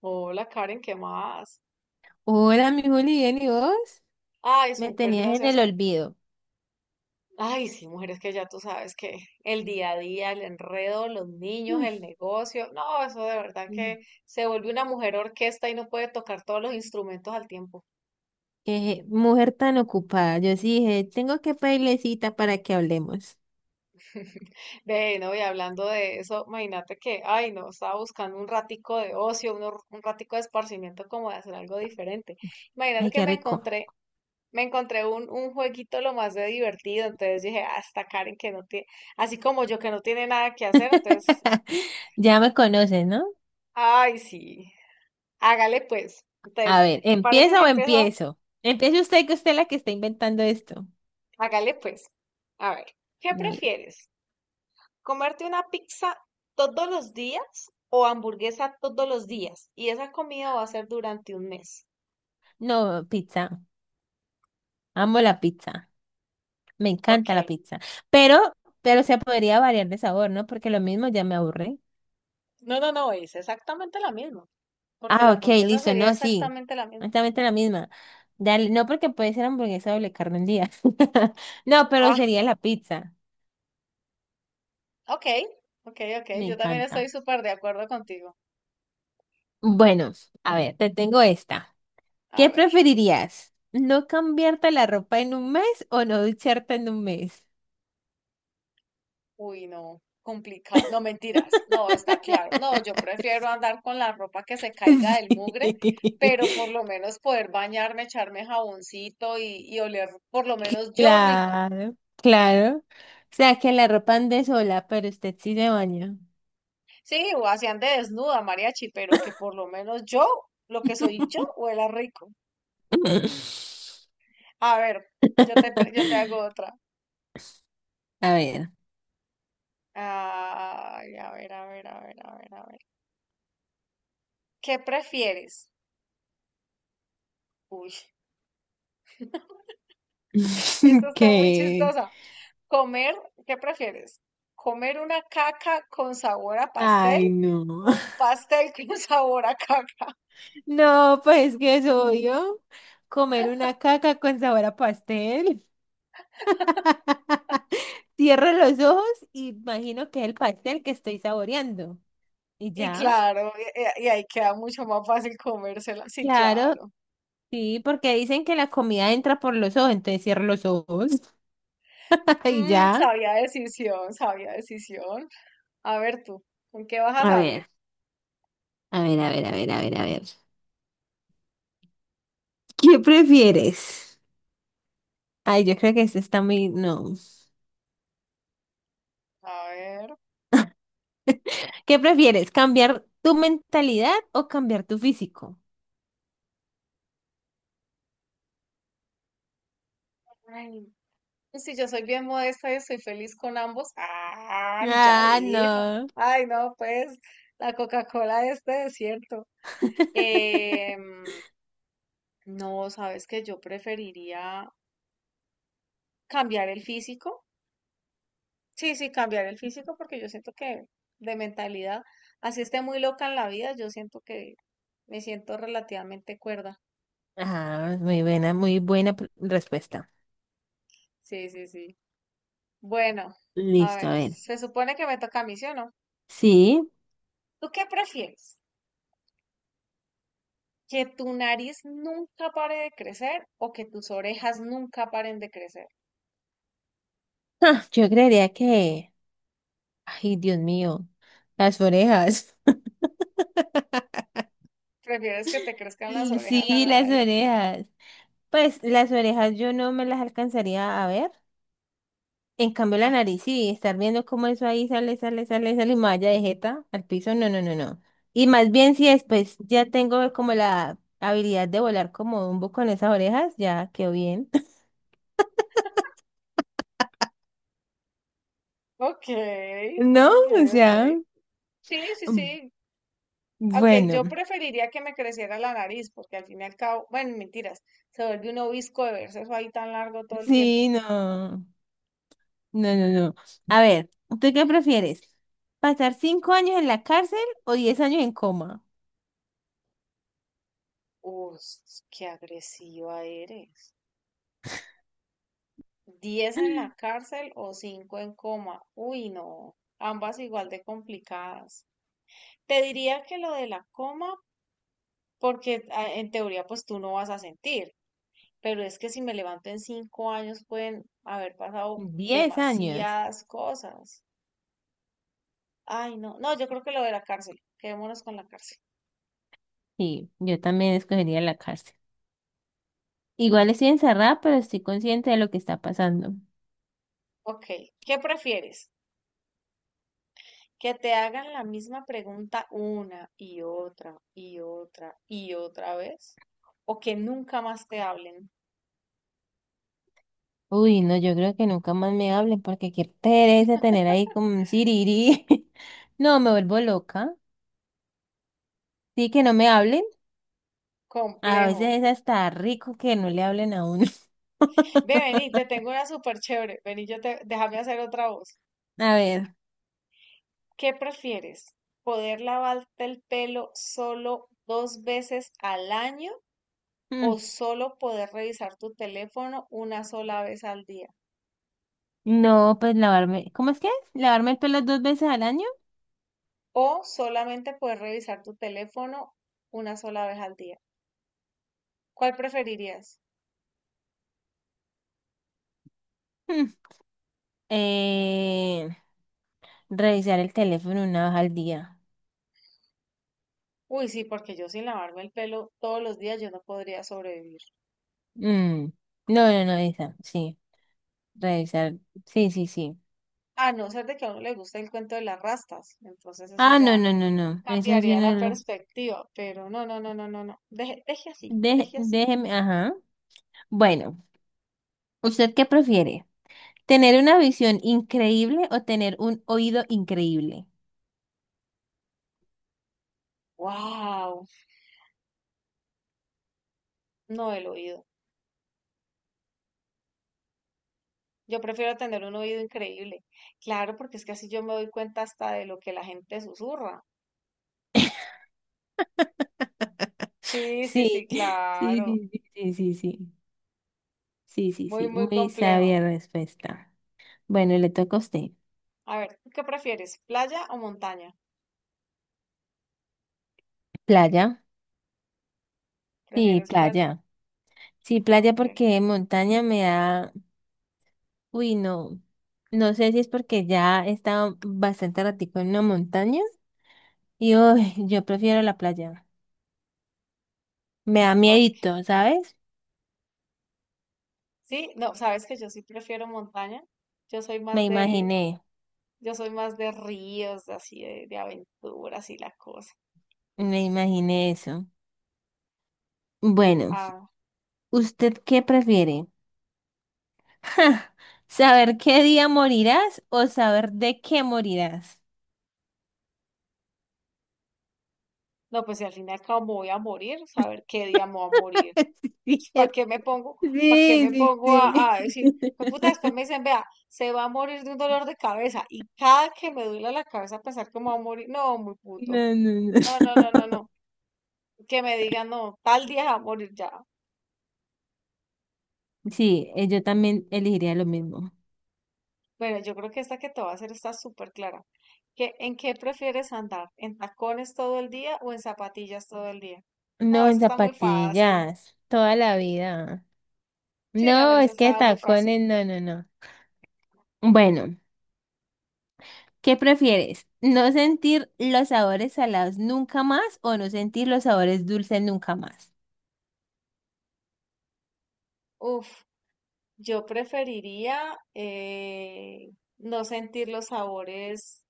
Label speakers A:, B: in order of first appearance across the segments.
A: Hola Karen, ¿qué más?
B: Hola, mi Juli, bien, ¿y vos?
A: Ay,
B: Me
A: súper,
B: tenías en
A: gracias
B: el
A: a...
B: olvido.
A: Ay, sí, mujeres que ya tú sabes que el día a día, el enredo, los niños,
B: Mm,
A: el negocio, no, eso de verdad
B: mm.
A: que se vuelve una mujer orquesta y no puede tocar todos los instrumentos al tiempo.
B: Qué mujer tan ocupada. Yo sí dije, tengo que pedirle cita para que hablemos.
A: Ve, no, y hablando de eso, imagínate que, ay, no, estaba buscando un ratico de ocio, un ratico de esparcimiento como de hacer algo diferente. Imagínate
B: Ay,
A: que
B: qué
A: me
B: rico.
A: encontré me encontré un jueguito lo más de divertido, entonces dije, ah, esta Karen que no tiene, así como yo que no tiene nada que hacer, entonces,
B: Ya me conoces, ¿no?
A: ay, sí, hágale pues.
B: A
A: Entonces,
B: ver,
A: ¿te parece si
B: ¿empieza o
A: empiezo?
B: empiezo? Empiece usted, que usted es la que está inventando esto.
A: Hágale pues. A ver, ¿qué
B: Dale.
A: prefieres? ¿Comerte una pizza todos los días o hamburguesa todos los días? Y esa comida va a ser durante un mes.
B: No, pizza. Amo la pizza. Me
A: Ok.
B: encanta la pizza. Pero, pero se podría variar de sabor, ¿no? Porque lo mismo ya me aburre.
A: No, es exactamente la misma, porque la
B: Ah, ok,
A: hamburguesa
B: listo.
A: sería
B: No, sí.
A: exactamente la misma.
B: Exactamente la misma. Dale, no porque puede ser hamburguesa doble carne un día. No, pero sería la pizza.
A: Ok, ok.
B: Me
A: Yo también estoy
B: encanta.
A: súper de acuerdo contigo.
B: Bueno, a ver, te tengo esta.
A: A
B: ¿Qué
A: ver,
B: preferirías? ¿No cambiarte la ropa en un mes o no ducharte en un mes?
A: uy, no, complicado. No, mentiras. No, está claro. No, yo prefiero andar con la ropa que se caiga del
B: Sí.
A: mugre, pero por lo menos poder bañarme, echarme jaboncito y oler por lo menos yo rico.
B: Claro, claro. O sea, que la ropa ande sola, pero usted sí se baña.
A: Sí, o así ande desnuda, mariachi, pero que por lo menos yo, lo que soy yo, huela rico. A ver, yo te hago otra.
B: A ver.
A: Ay, a ver, a ver, a ver, a ver, a ver. ¿Qué prefieres? Uy. Esto está muy
B: ¿Qué?
A: chistosa. Comer, ¿qué prefieres? ¿Comer una caca con sabor a pastel
B: Ay, no.
A: o un pastel con sabor a caca?
B: No, pues que es obvio. Comer una caca con sabor a pastel. Cierro los ojos y imagino que es el pastel que estoy saboreando. Y
A: Y
B: ya.
A: claro, ahí queda mucho más fácil comérsela. Sí,
B: Claro,
A: claro.
B: sí, porque dicen que la comida entra por los ojos, entonces cierro los ojos. Y
A: Mm,
B: ya.
A: sabía decisión, sabía decisión. A ver tú, ¿con qué vas a
B: A
A: salir?
B: ver, a ver, a ver, a ver, a ver, a ver. ¿Qué prefieres? Ay, yo creo que este está muy... No.
A: A ver.
B: ¿Qué prefieres? ¿Cambiar tu mentalidad o cambiar tu físico?
A: Ay, si yo soy bien modesta y estoy feliz con ambos. Ah, ya
B: Ah,
A: dijo.
B: no.
A: Ay, no, pues la Coca-Cola de este desierto. Em, No, sabes que yo preferiría cambiar el físico. Sí, sí, cambiar el físico porque yo siento que de mentalidad, así esté muy loca en la vida, yo siento que me siento relativamente cuerda.
B: Ah, muy buena respuesta.
A: Sí, sí, sí. Bueno, a
B: Listo, a
A: ver,
B: ver.
A: se supone que me toca a mí, ¿sí o no?
B: Sí.
A: ¿Tú qué prefieres? ¿Que tu nariz nunca pare de crecer o que tus orejas nunca paren de crecer?
B: Ah, yo creería que, ay, Dios mío, las orejas.
A: ¿Prefieres que te crezcan las
B: Mm,
A: orejas a
B: sí,
A: la
B: las
A: nariz?
B: orejas. Pues las orejas yo no me las alcanzaría a ver. En cambio la
A: Ah,
B: nariz, sí, estar viendo cómo eso ahí sale, sale, sale, sale y me vaya de jeta al piso, no, no, no, no. Y más bien si después ya tengo como la habilidad de volar como un buco con esas orejas, ya quedó bien.
A: ok,
B: No,
A: ok,
B: o
A: ok.
B: sea,
A: Sí, sí,
B: mm,
A: sí. Aunque
B: bueno,
A: yo preferiría que me creciera la nariz, porque al fin y al cabo, bueno, mentiras, se vuelve un obisco de verse eso ahí tan largo todo el tiempo.
B: sí, no, no, no, no. A ver, ¿tú qué prefieres? ¿Pasar 5 años en la cárcel o 10 años en coma?
A: Uf, qué agresiva eres. ¿Diez en la cárcel o cinco en coma? Uy, no, ambas igual de complicadas. Te diría que lo de la coma, porque ah, en teoría pues tú no vas a sentir, pero es que si me levanto en cinco años pueden haber pasado
B: Diez años.
A: demasiadas cosas. Ay, no, no, yo creo que lo de la cárcel. Quedémonos con la cárcel.
B: Sí, yo también escogería la cárcel. Igual estoy encerrada, pero estoy consciente de lo que está pasando.
A: Ok, ¿qué prefieres? ¿Que te hagan la misma pregunta una y otra y otra y otra vez? ¿O que nunca más te hablen?
B: Uy, no, yo creo que nunca más me hablen porque qué pereza tener ahí como un siriri. No, me vuelvo loca. Sí, que no me hablen. A veces
A: Complejo.
B: es hasta rico que no le hablen a uno.
A: Ve, vení, te tengo una súper chévere. Vení, déjame hacer otra voz.
B: A ver.
A: ¿Qué prefieres? ¿Poder lavarte el pelo solo dos veces al año
B: Mm,
A: o solo poder revisar tu teléfono una sola vez al día?
B: no, pues lavarme. ¿Cómo es que es? ¿Lavarme el pelo dos veces al año?
A: O solamente poder revisar tu teléfono una sola vez al día. ¿Cuál preferirías?
B: Mm, eh, revisar el teléfono una vez al día.
A: Uy, sí, porque yo sin lavarme el pelo todos los días yo no podría sobrevivir.
B: Mm, no, no, no, esa. Sí. Revisar. Sí, sí, sí.
A: A no ser de que a uno le guste el cuento de las rastas, entonces eso
B: Ah, no,
A: ya
B: no, no, no. Eso sí
A: cambiaría
B: no
A: la
B: lo.
A: perspectiva, pero no. Deje, deje así, deje así.
B: Déjeme. Ajá. Bueno, ¿usted qué prefiere? ¿Tener una visión increíble o tener un oído increíble?
A: Wow, no el oído. Yo prefiero tener un oído increíble. Claro, porque es que así yo me doy cuenta hasta de lo que la gente susurra. Sí, sí, sí,
B: Sí, sí,
A: claro.
B: sí, sí, sí, sí, sí, sí, sí,
A: Muy,
B: sí,
A: muy
B: muy
A: complejo.
B: sabia respuesta. Bueno, le toca a usted.
A: A ver, ¿tú qué prefieres? ¿Playa o montaña?
B: ¿Playa? Sí,
A: ¿Prefieres playa?
B: playa. Sí, playa
A: Ok,
B: porque montaña me da, uy, no, no sé si es porque ya he estado bastante ratico en una montaña y uy, yo prefiero la playa. Me da
A: ok.
B: miedito, ¿sabes?
A: Sí, no, sabes que yo sí prefiero montaña. Yo soy
B: Me
A: más de,
B: imaginé,
A: yo soy más de ríos, de así de aventuras y la cosa.
B: me imaginé eso. Bueno,
A: Ah,
B: ¿usted qué prefiere? Ja, ¿saber qué día morirás o saber de qué morirás?
A: no, pues si al final cabo me voy a morir, saber qué día me voy a morir. ¿Para qué me pongo? ¿Para qué
B: Sí,
A: me
B: sí,
A: pongo
B: sí.
A: a decir? "Pues puta, después me dicen, vea, se va a morir de un dolor de cabeza". Y cada que me duela la cabeza pensar que me va a morir, no, muy puto.
B: No, no,
A: No, no,
B: no.
A: no, no, no. que me digan, no, tal día va a morir ya.
B: Sí, yo también elegiría lo mismo.
A: Bueno, yo creo que esta que te voy a hacer está súper clara. ¿Qué- en qué prefieres andar? ¿En tacones todo el día o en zapatillas todo el día? No,
B: No, en
A: eso está muy fácil.
B: zapatillas, toda la vida.
A: Sí, no, no,
B: No,
A: eso
B: es que
A: está muy fácil.
B: tacones, no, no, no. Bueno, ¿qué prefieres? ¿No sentir los sabores salados nunca más o no sentir los sabores dulces nunca más?
A: Uf, yo preferiría no sentir los sabores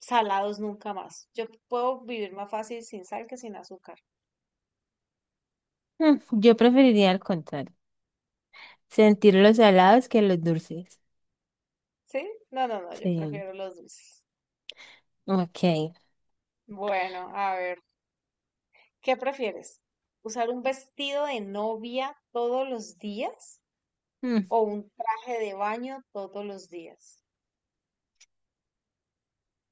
A: salados nunca más. Yo puedo vivir más fácil sin sal que sin azúcar.
B: Mm, yo preferiría al contrario, sentir los salados que los dulces.
A: ¿Sí? No, yo
B: Sí,
A: prefiero los dulces.
B: ok.
A: Bueno, a ver. ¿Qué prefieres? ¿Usar un vestido de novia todos los días
B: Mm,
A: o un traje de baño todos los días?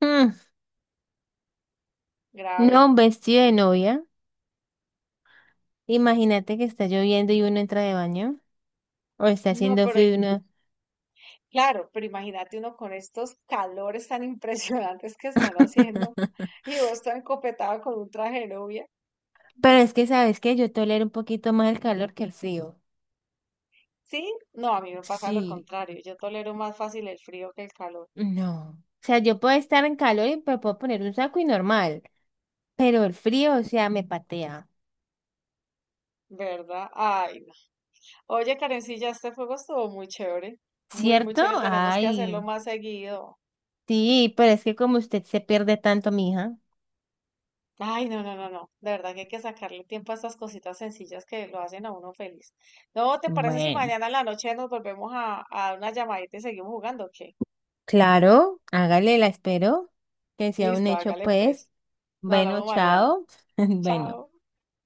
B: mm. No,
A: Grave.
B: un vestido de novia. Imagínate que está lloviendo y uno entra de baño. O está
A: No,
B: haciendo
A: pero
B: frío y uno.
A: claro, pero imagínate uno con estos calores tan impresionantes que están haciendo y vos tan encopetado con un traje de novia.
B: Pero es que, ¿sabes qué? Yo tolero un poquito más el calor que el frío.
A: ¿Sí? No, a mí me pasa lo
B: Sí.
A: contrario. Yo tolero más fácil el frío que el calor,
B: No. O sea, yo puedo estar en calor y me puedo poner un saco y normal. Pero el frío, o sea, me patea.
A: ¿verdad? Ay, no. Oye, Karencilla, este juego estuvo muy chévere. Muy, muy
B: ¿Cierto?
A: chévere. Tenemos que hacerlo
B: Ay.
A: más seguido.
B: Sí, pero es que como usted se pierde tanto, mija.
A: Ay, no. De verdad que hay que sacarle tiempo a estas cositas sencillas que lo hacen a uno feliz. No, ¿te parece si
B: Bueno.
A: mañana en la noche nos volvemos a dar una llamadita y seguimos jugando? ¿O ¿qué?
B: Claro, hágale, la espero. Que sea un
A: Listo,
B: hecho,
A: hágale
B: pues.
A: pues. Nos
B: Bueno,
A: hablamos mañana.
B: chao. Bueno.
A: Chao.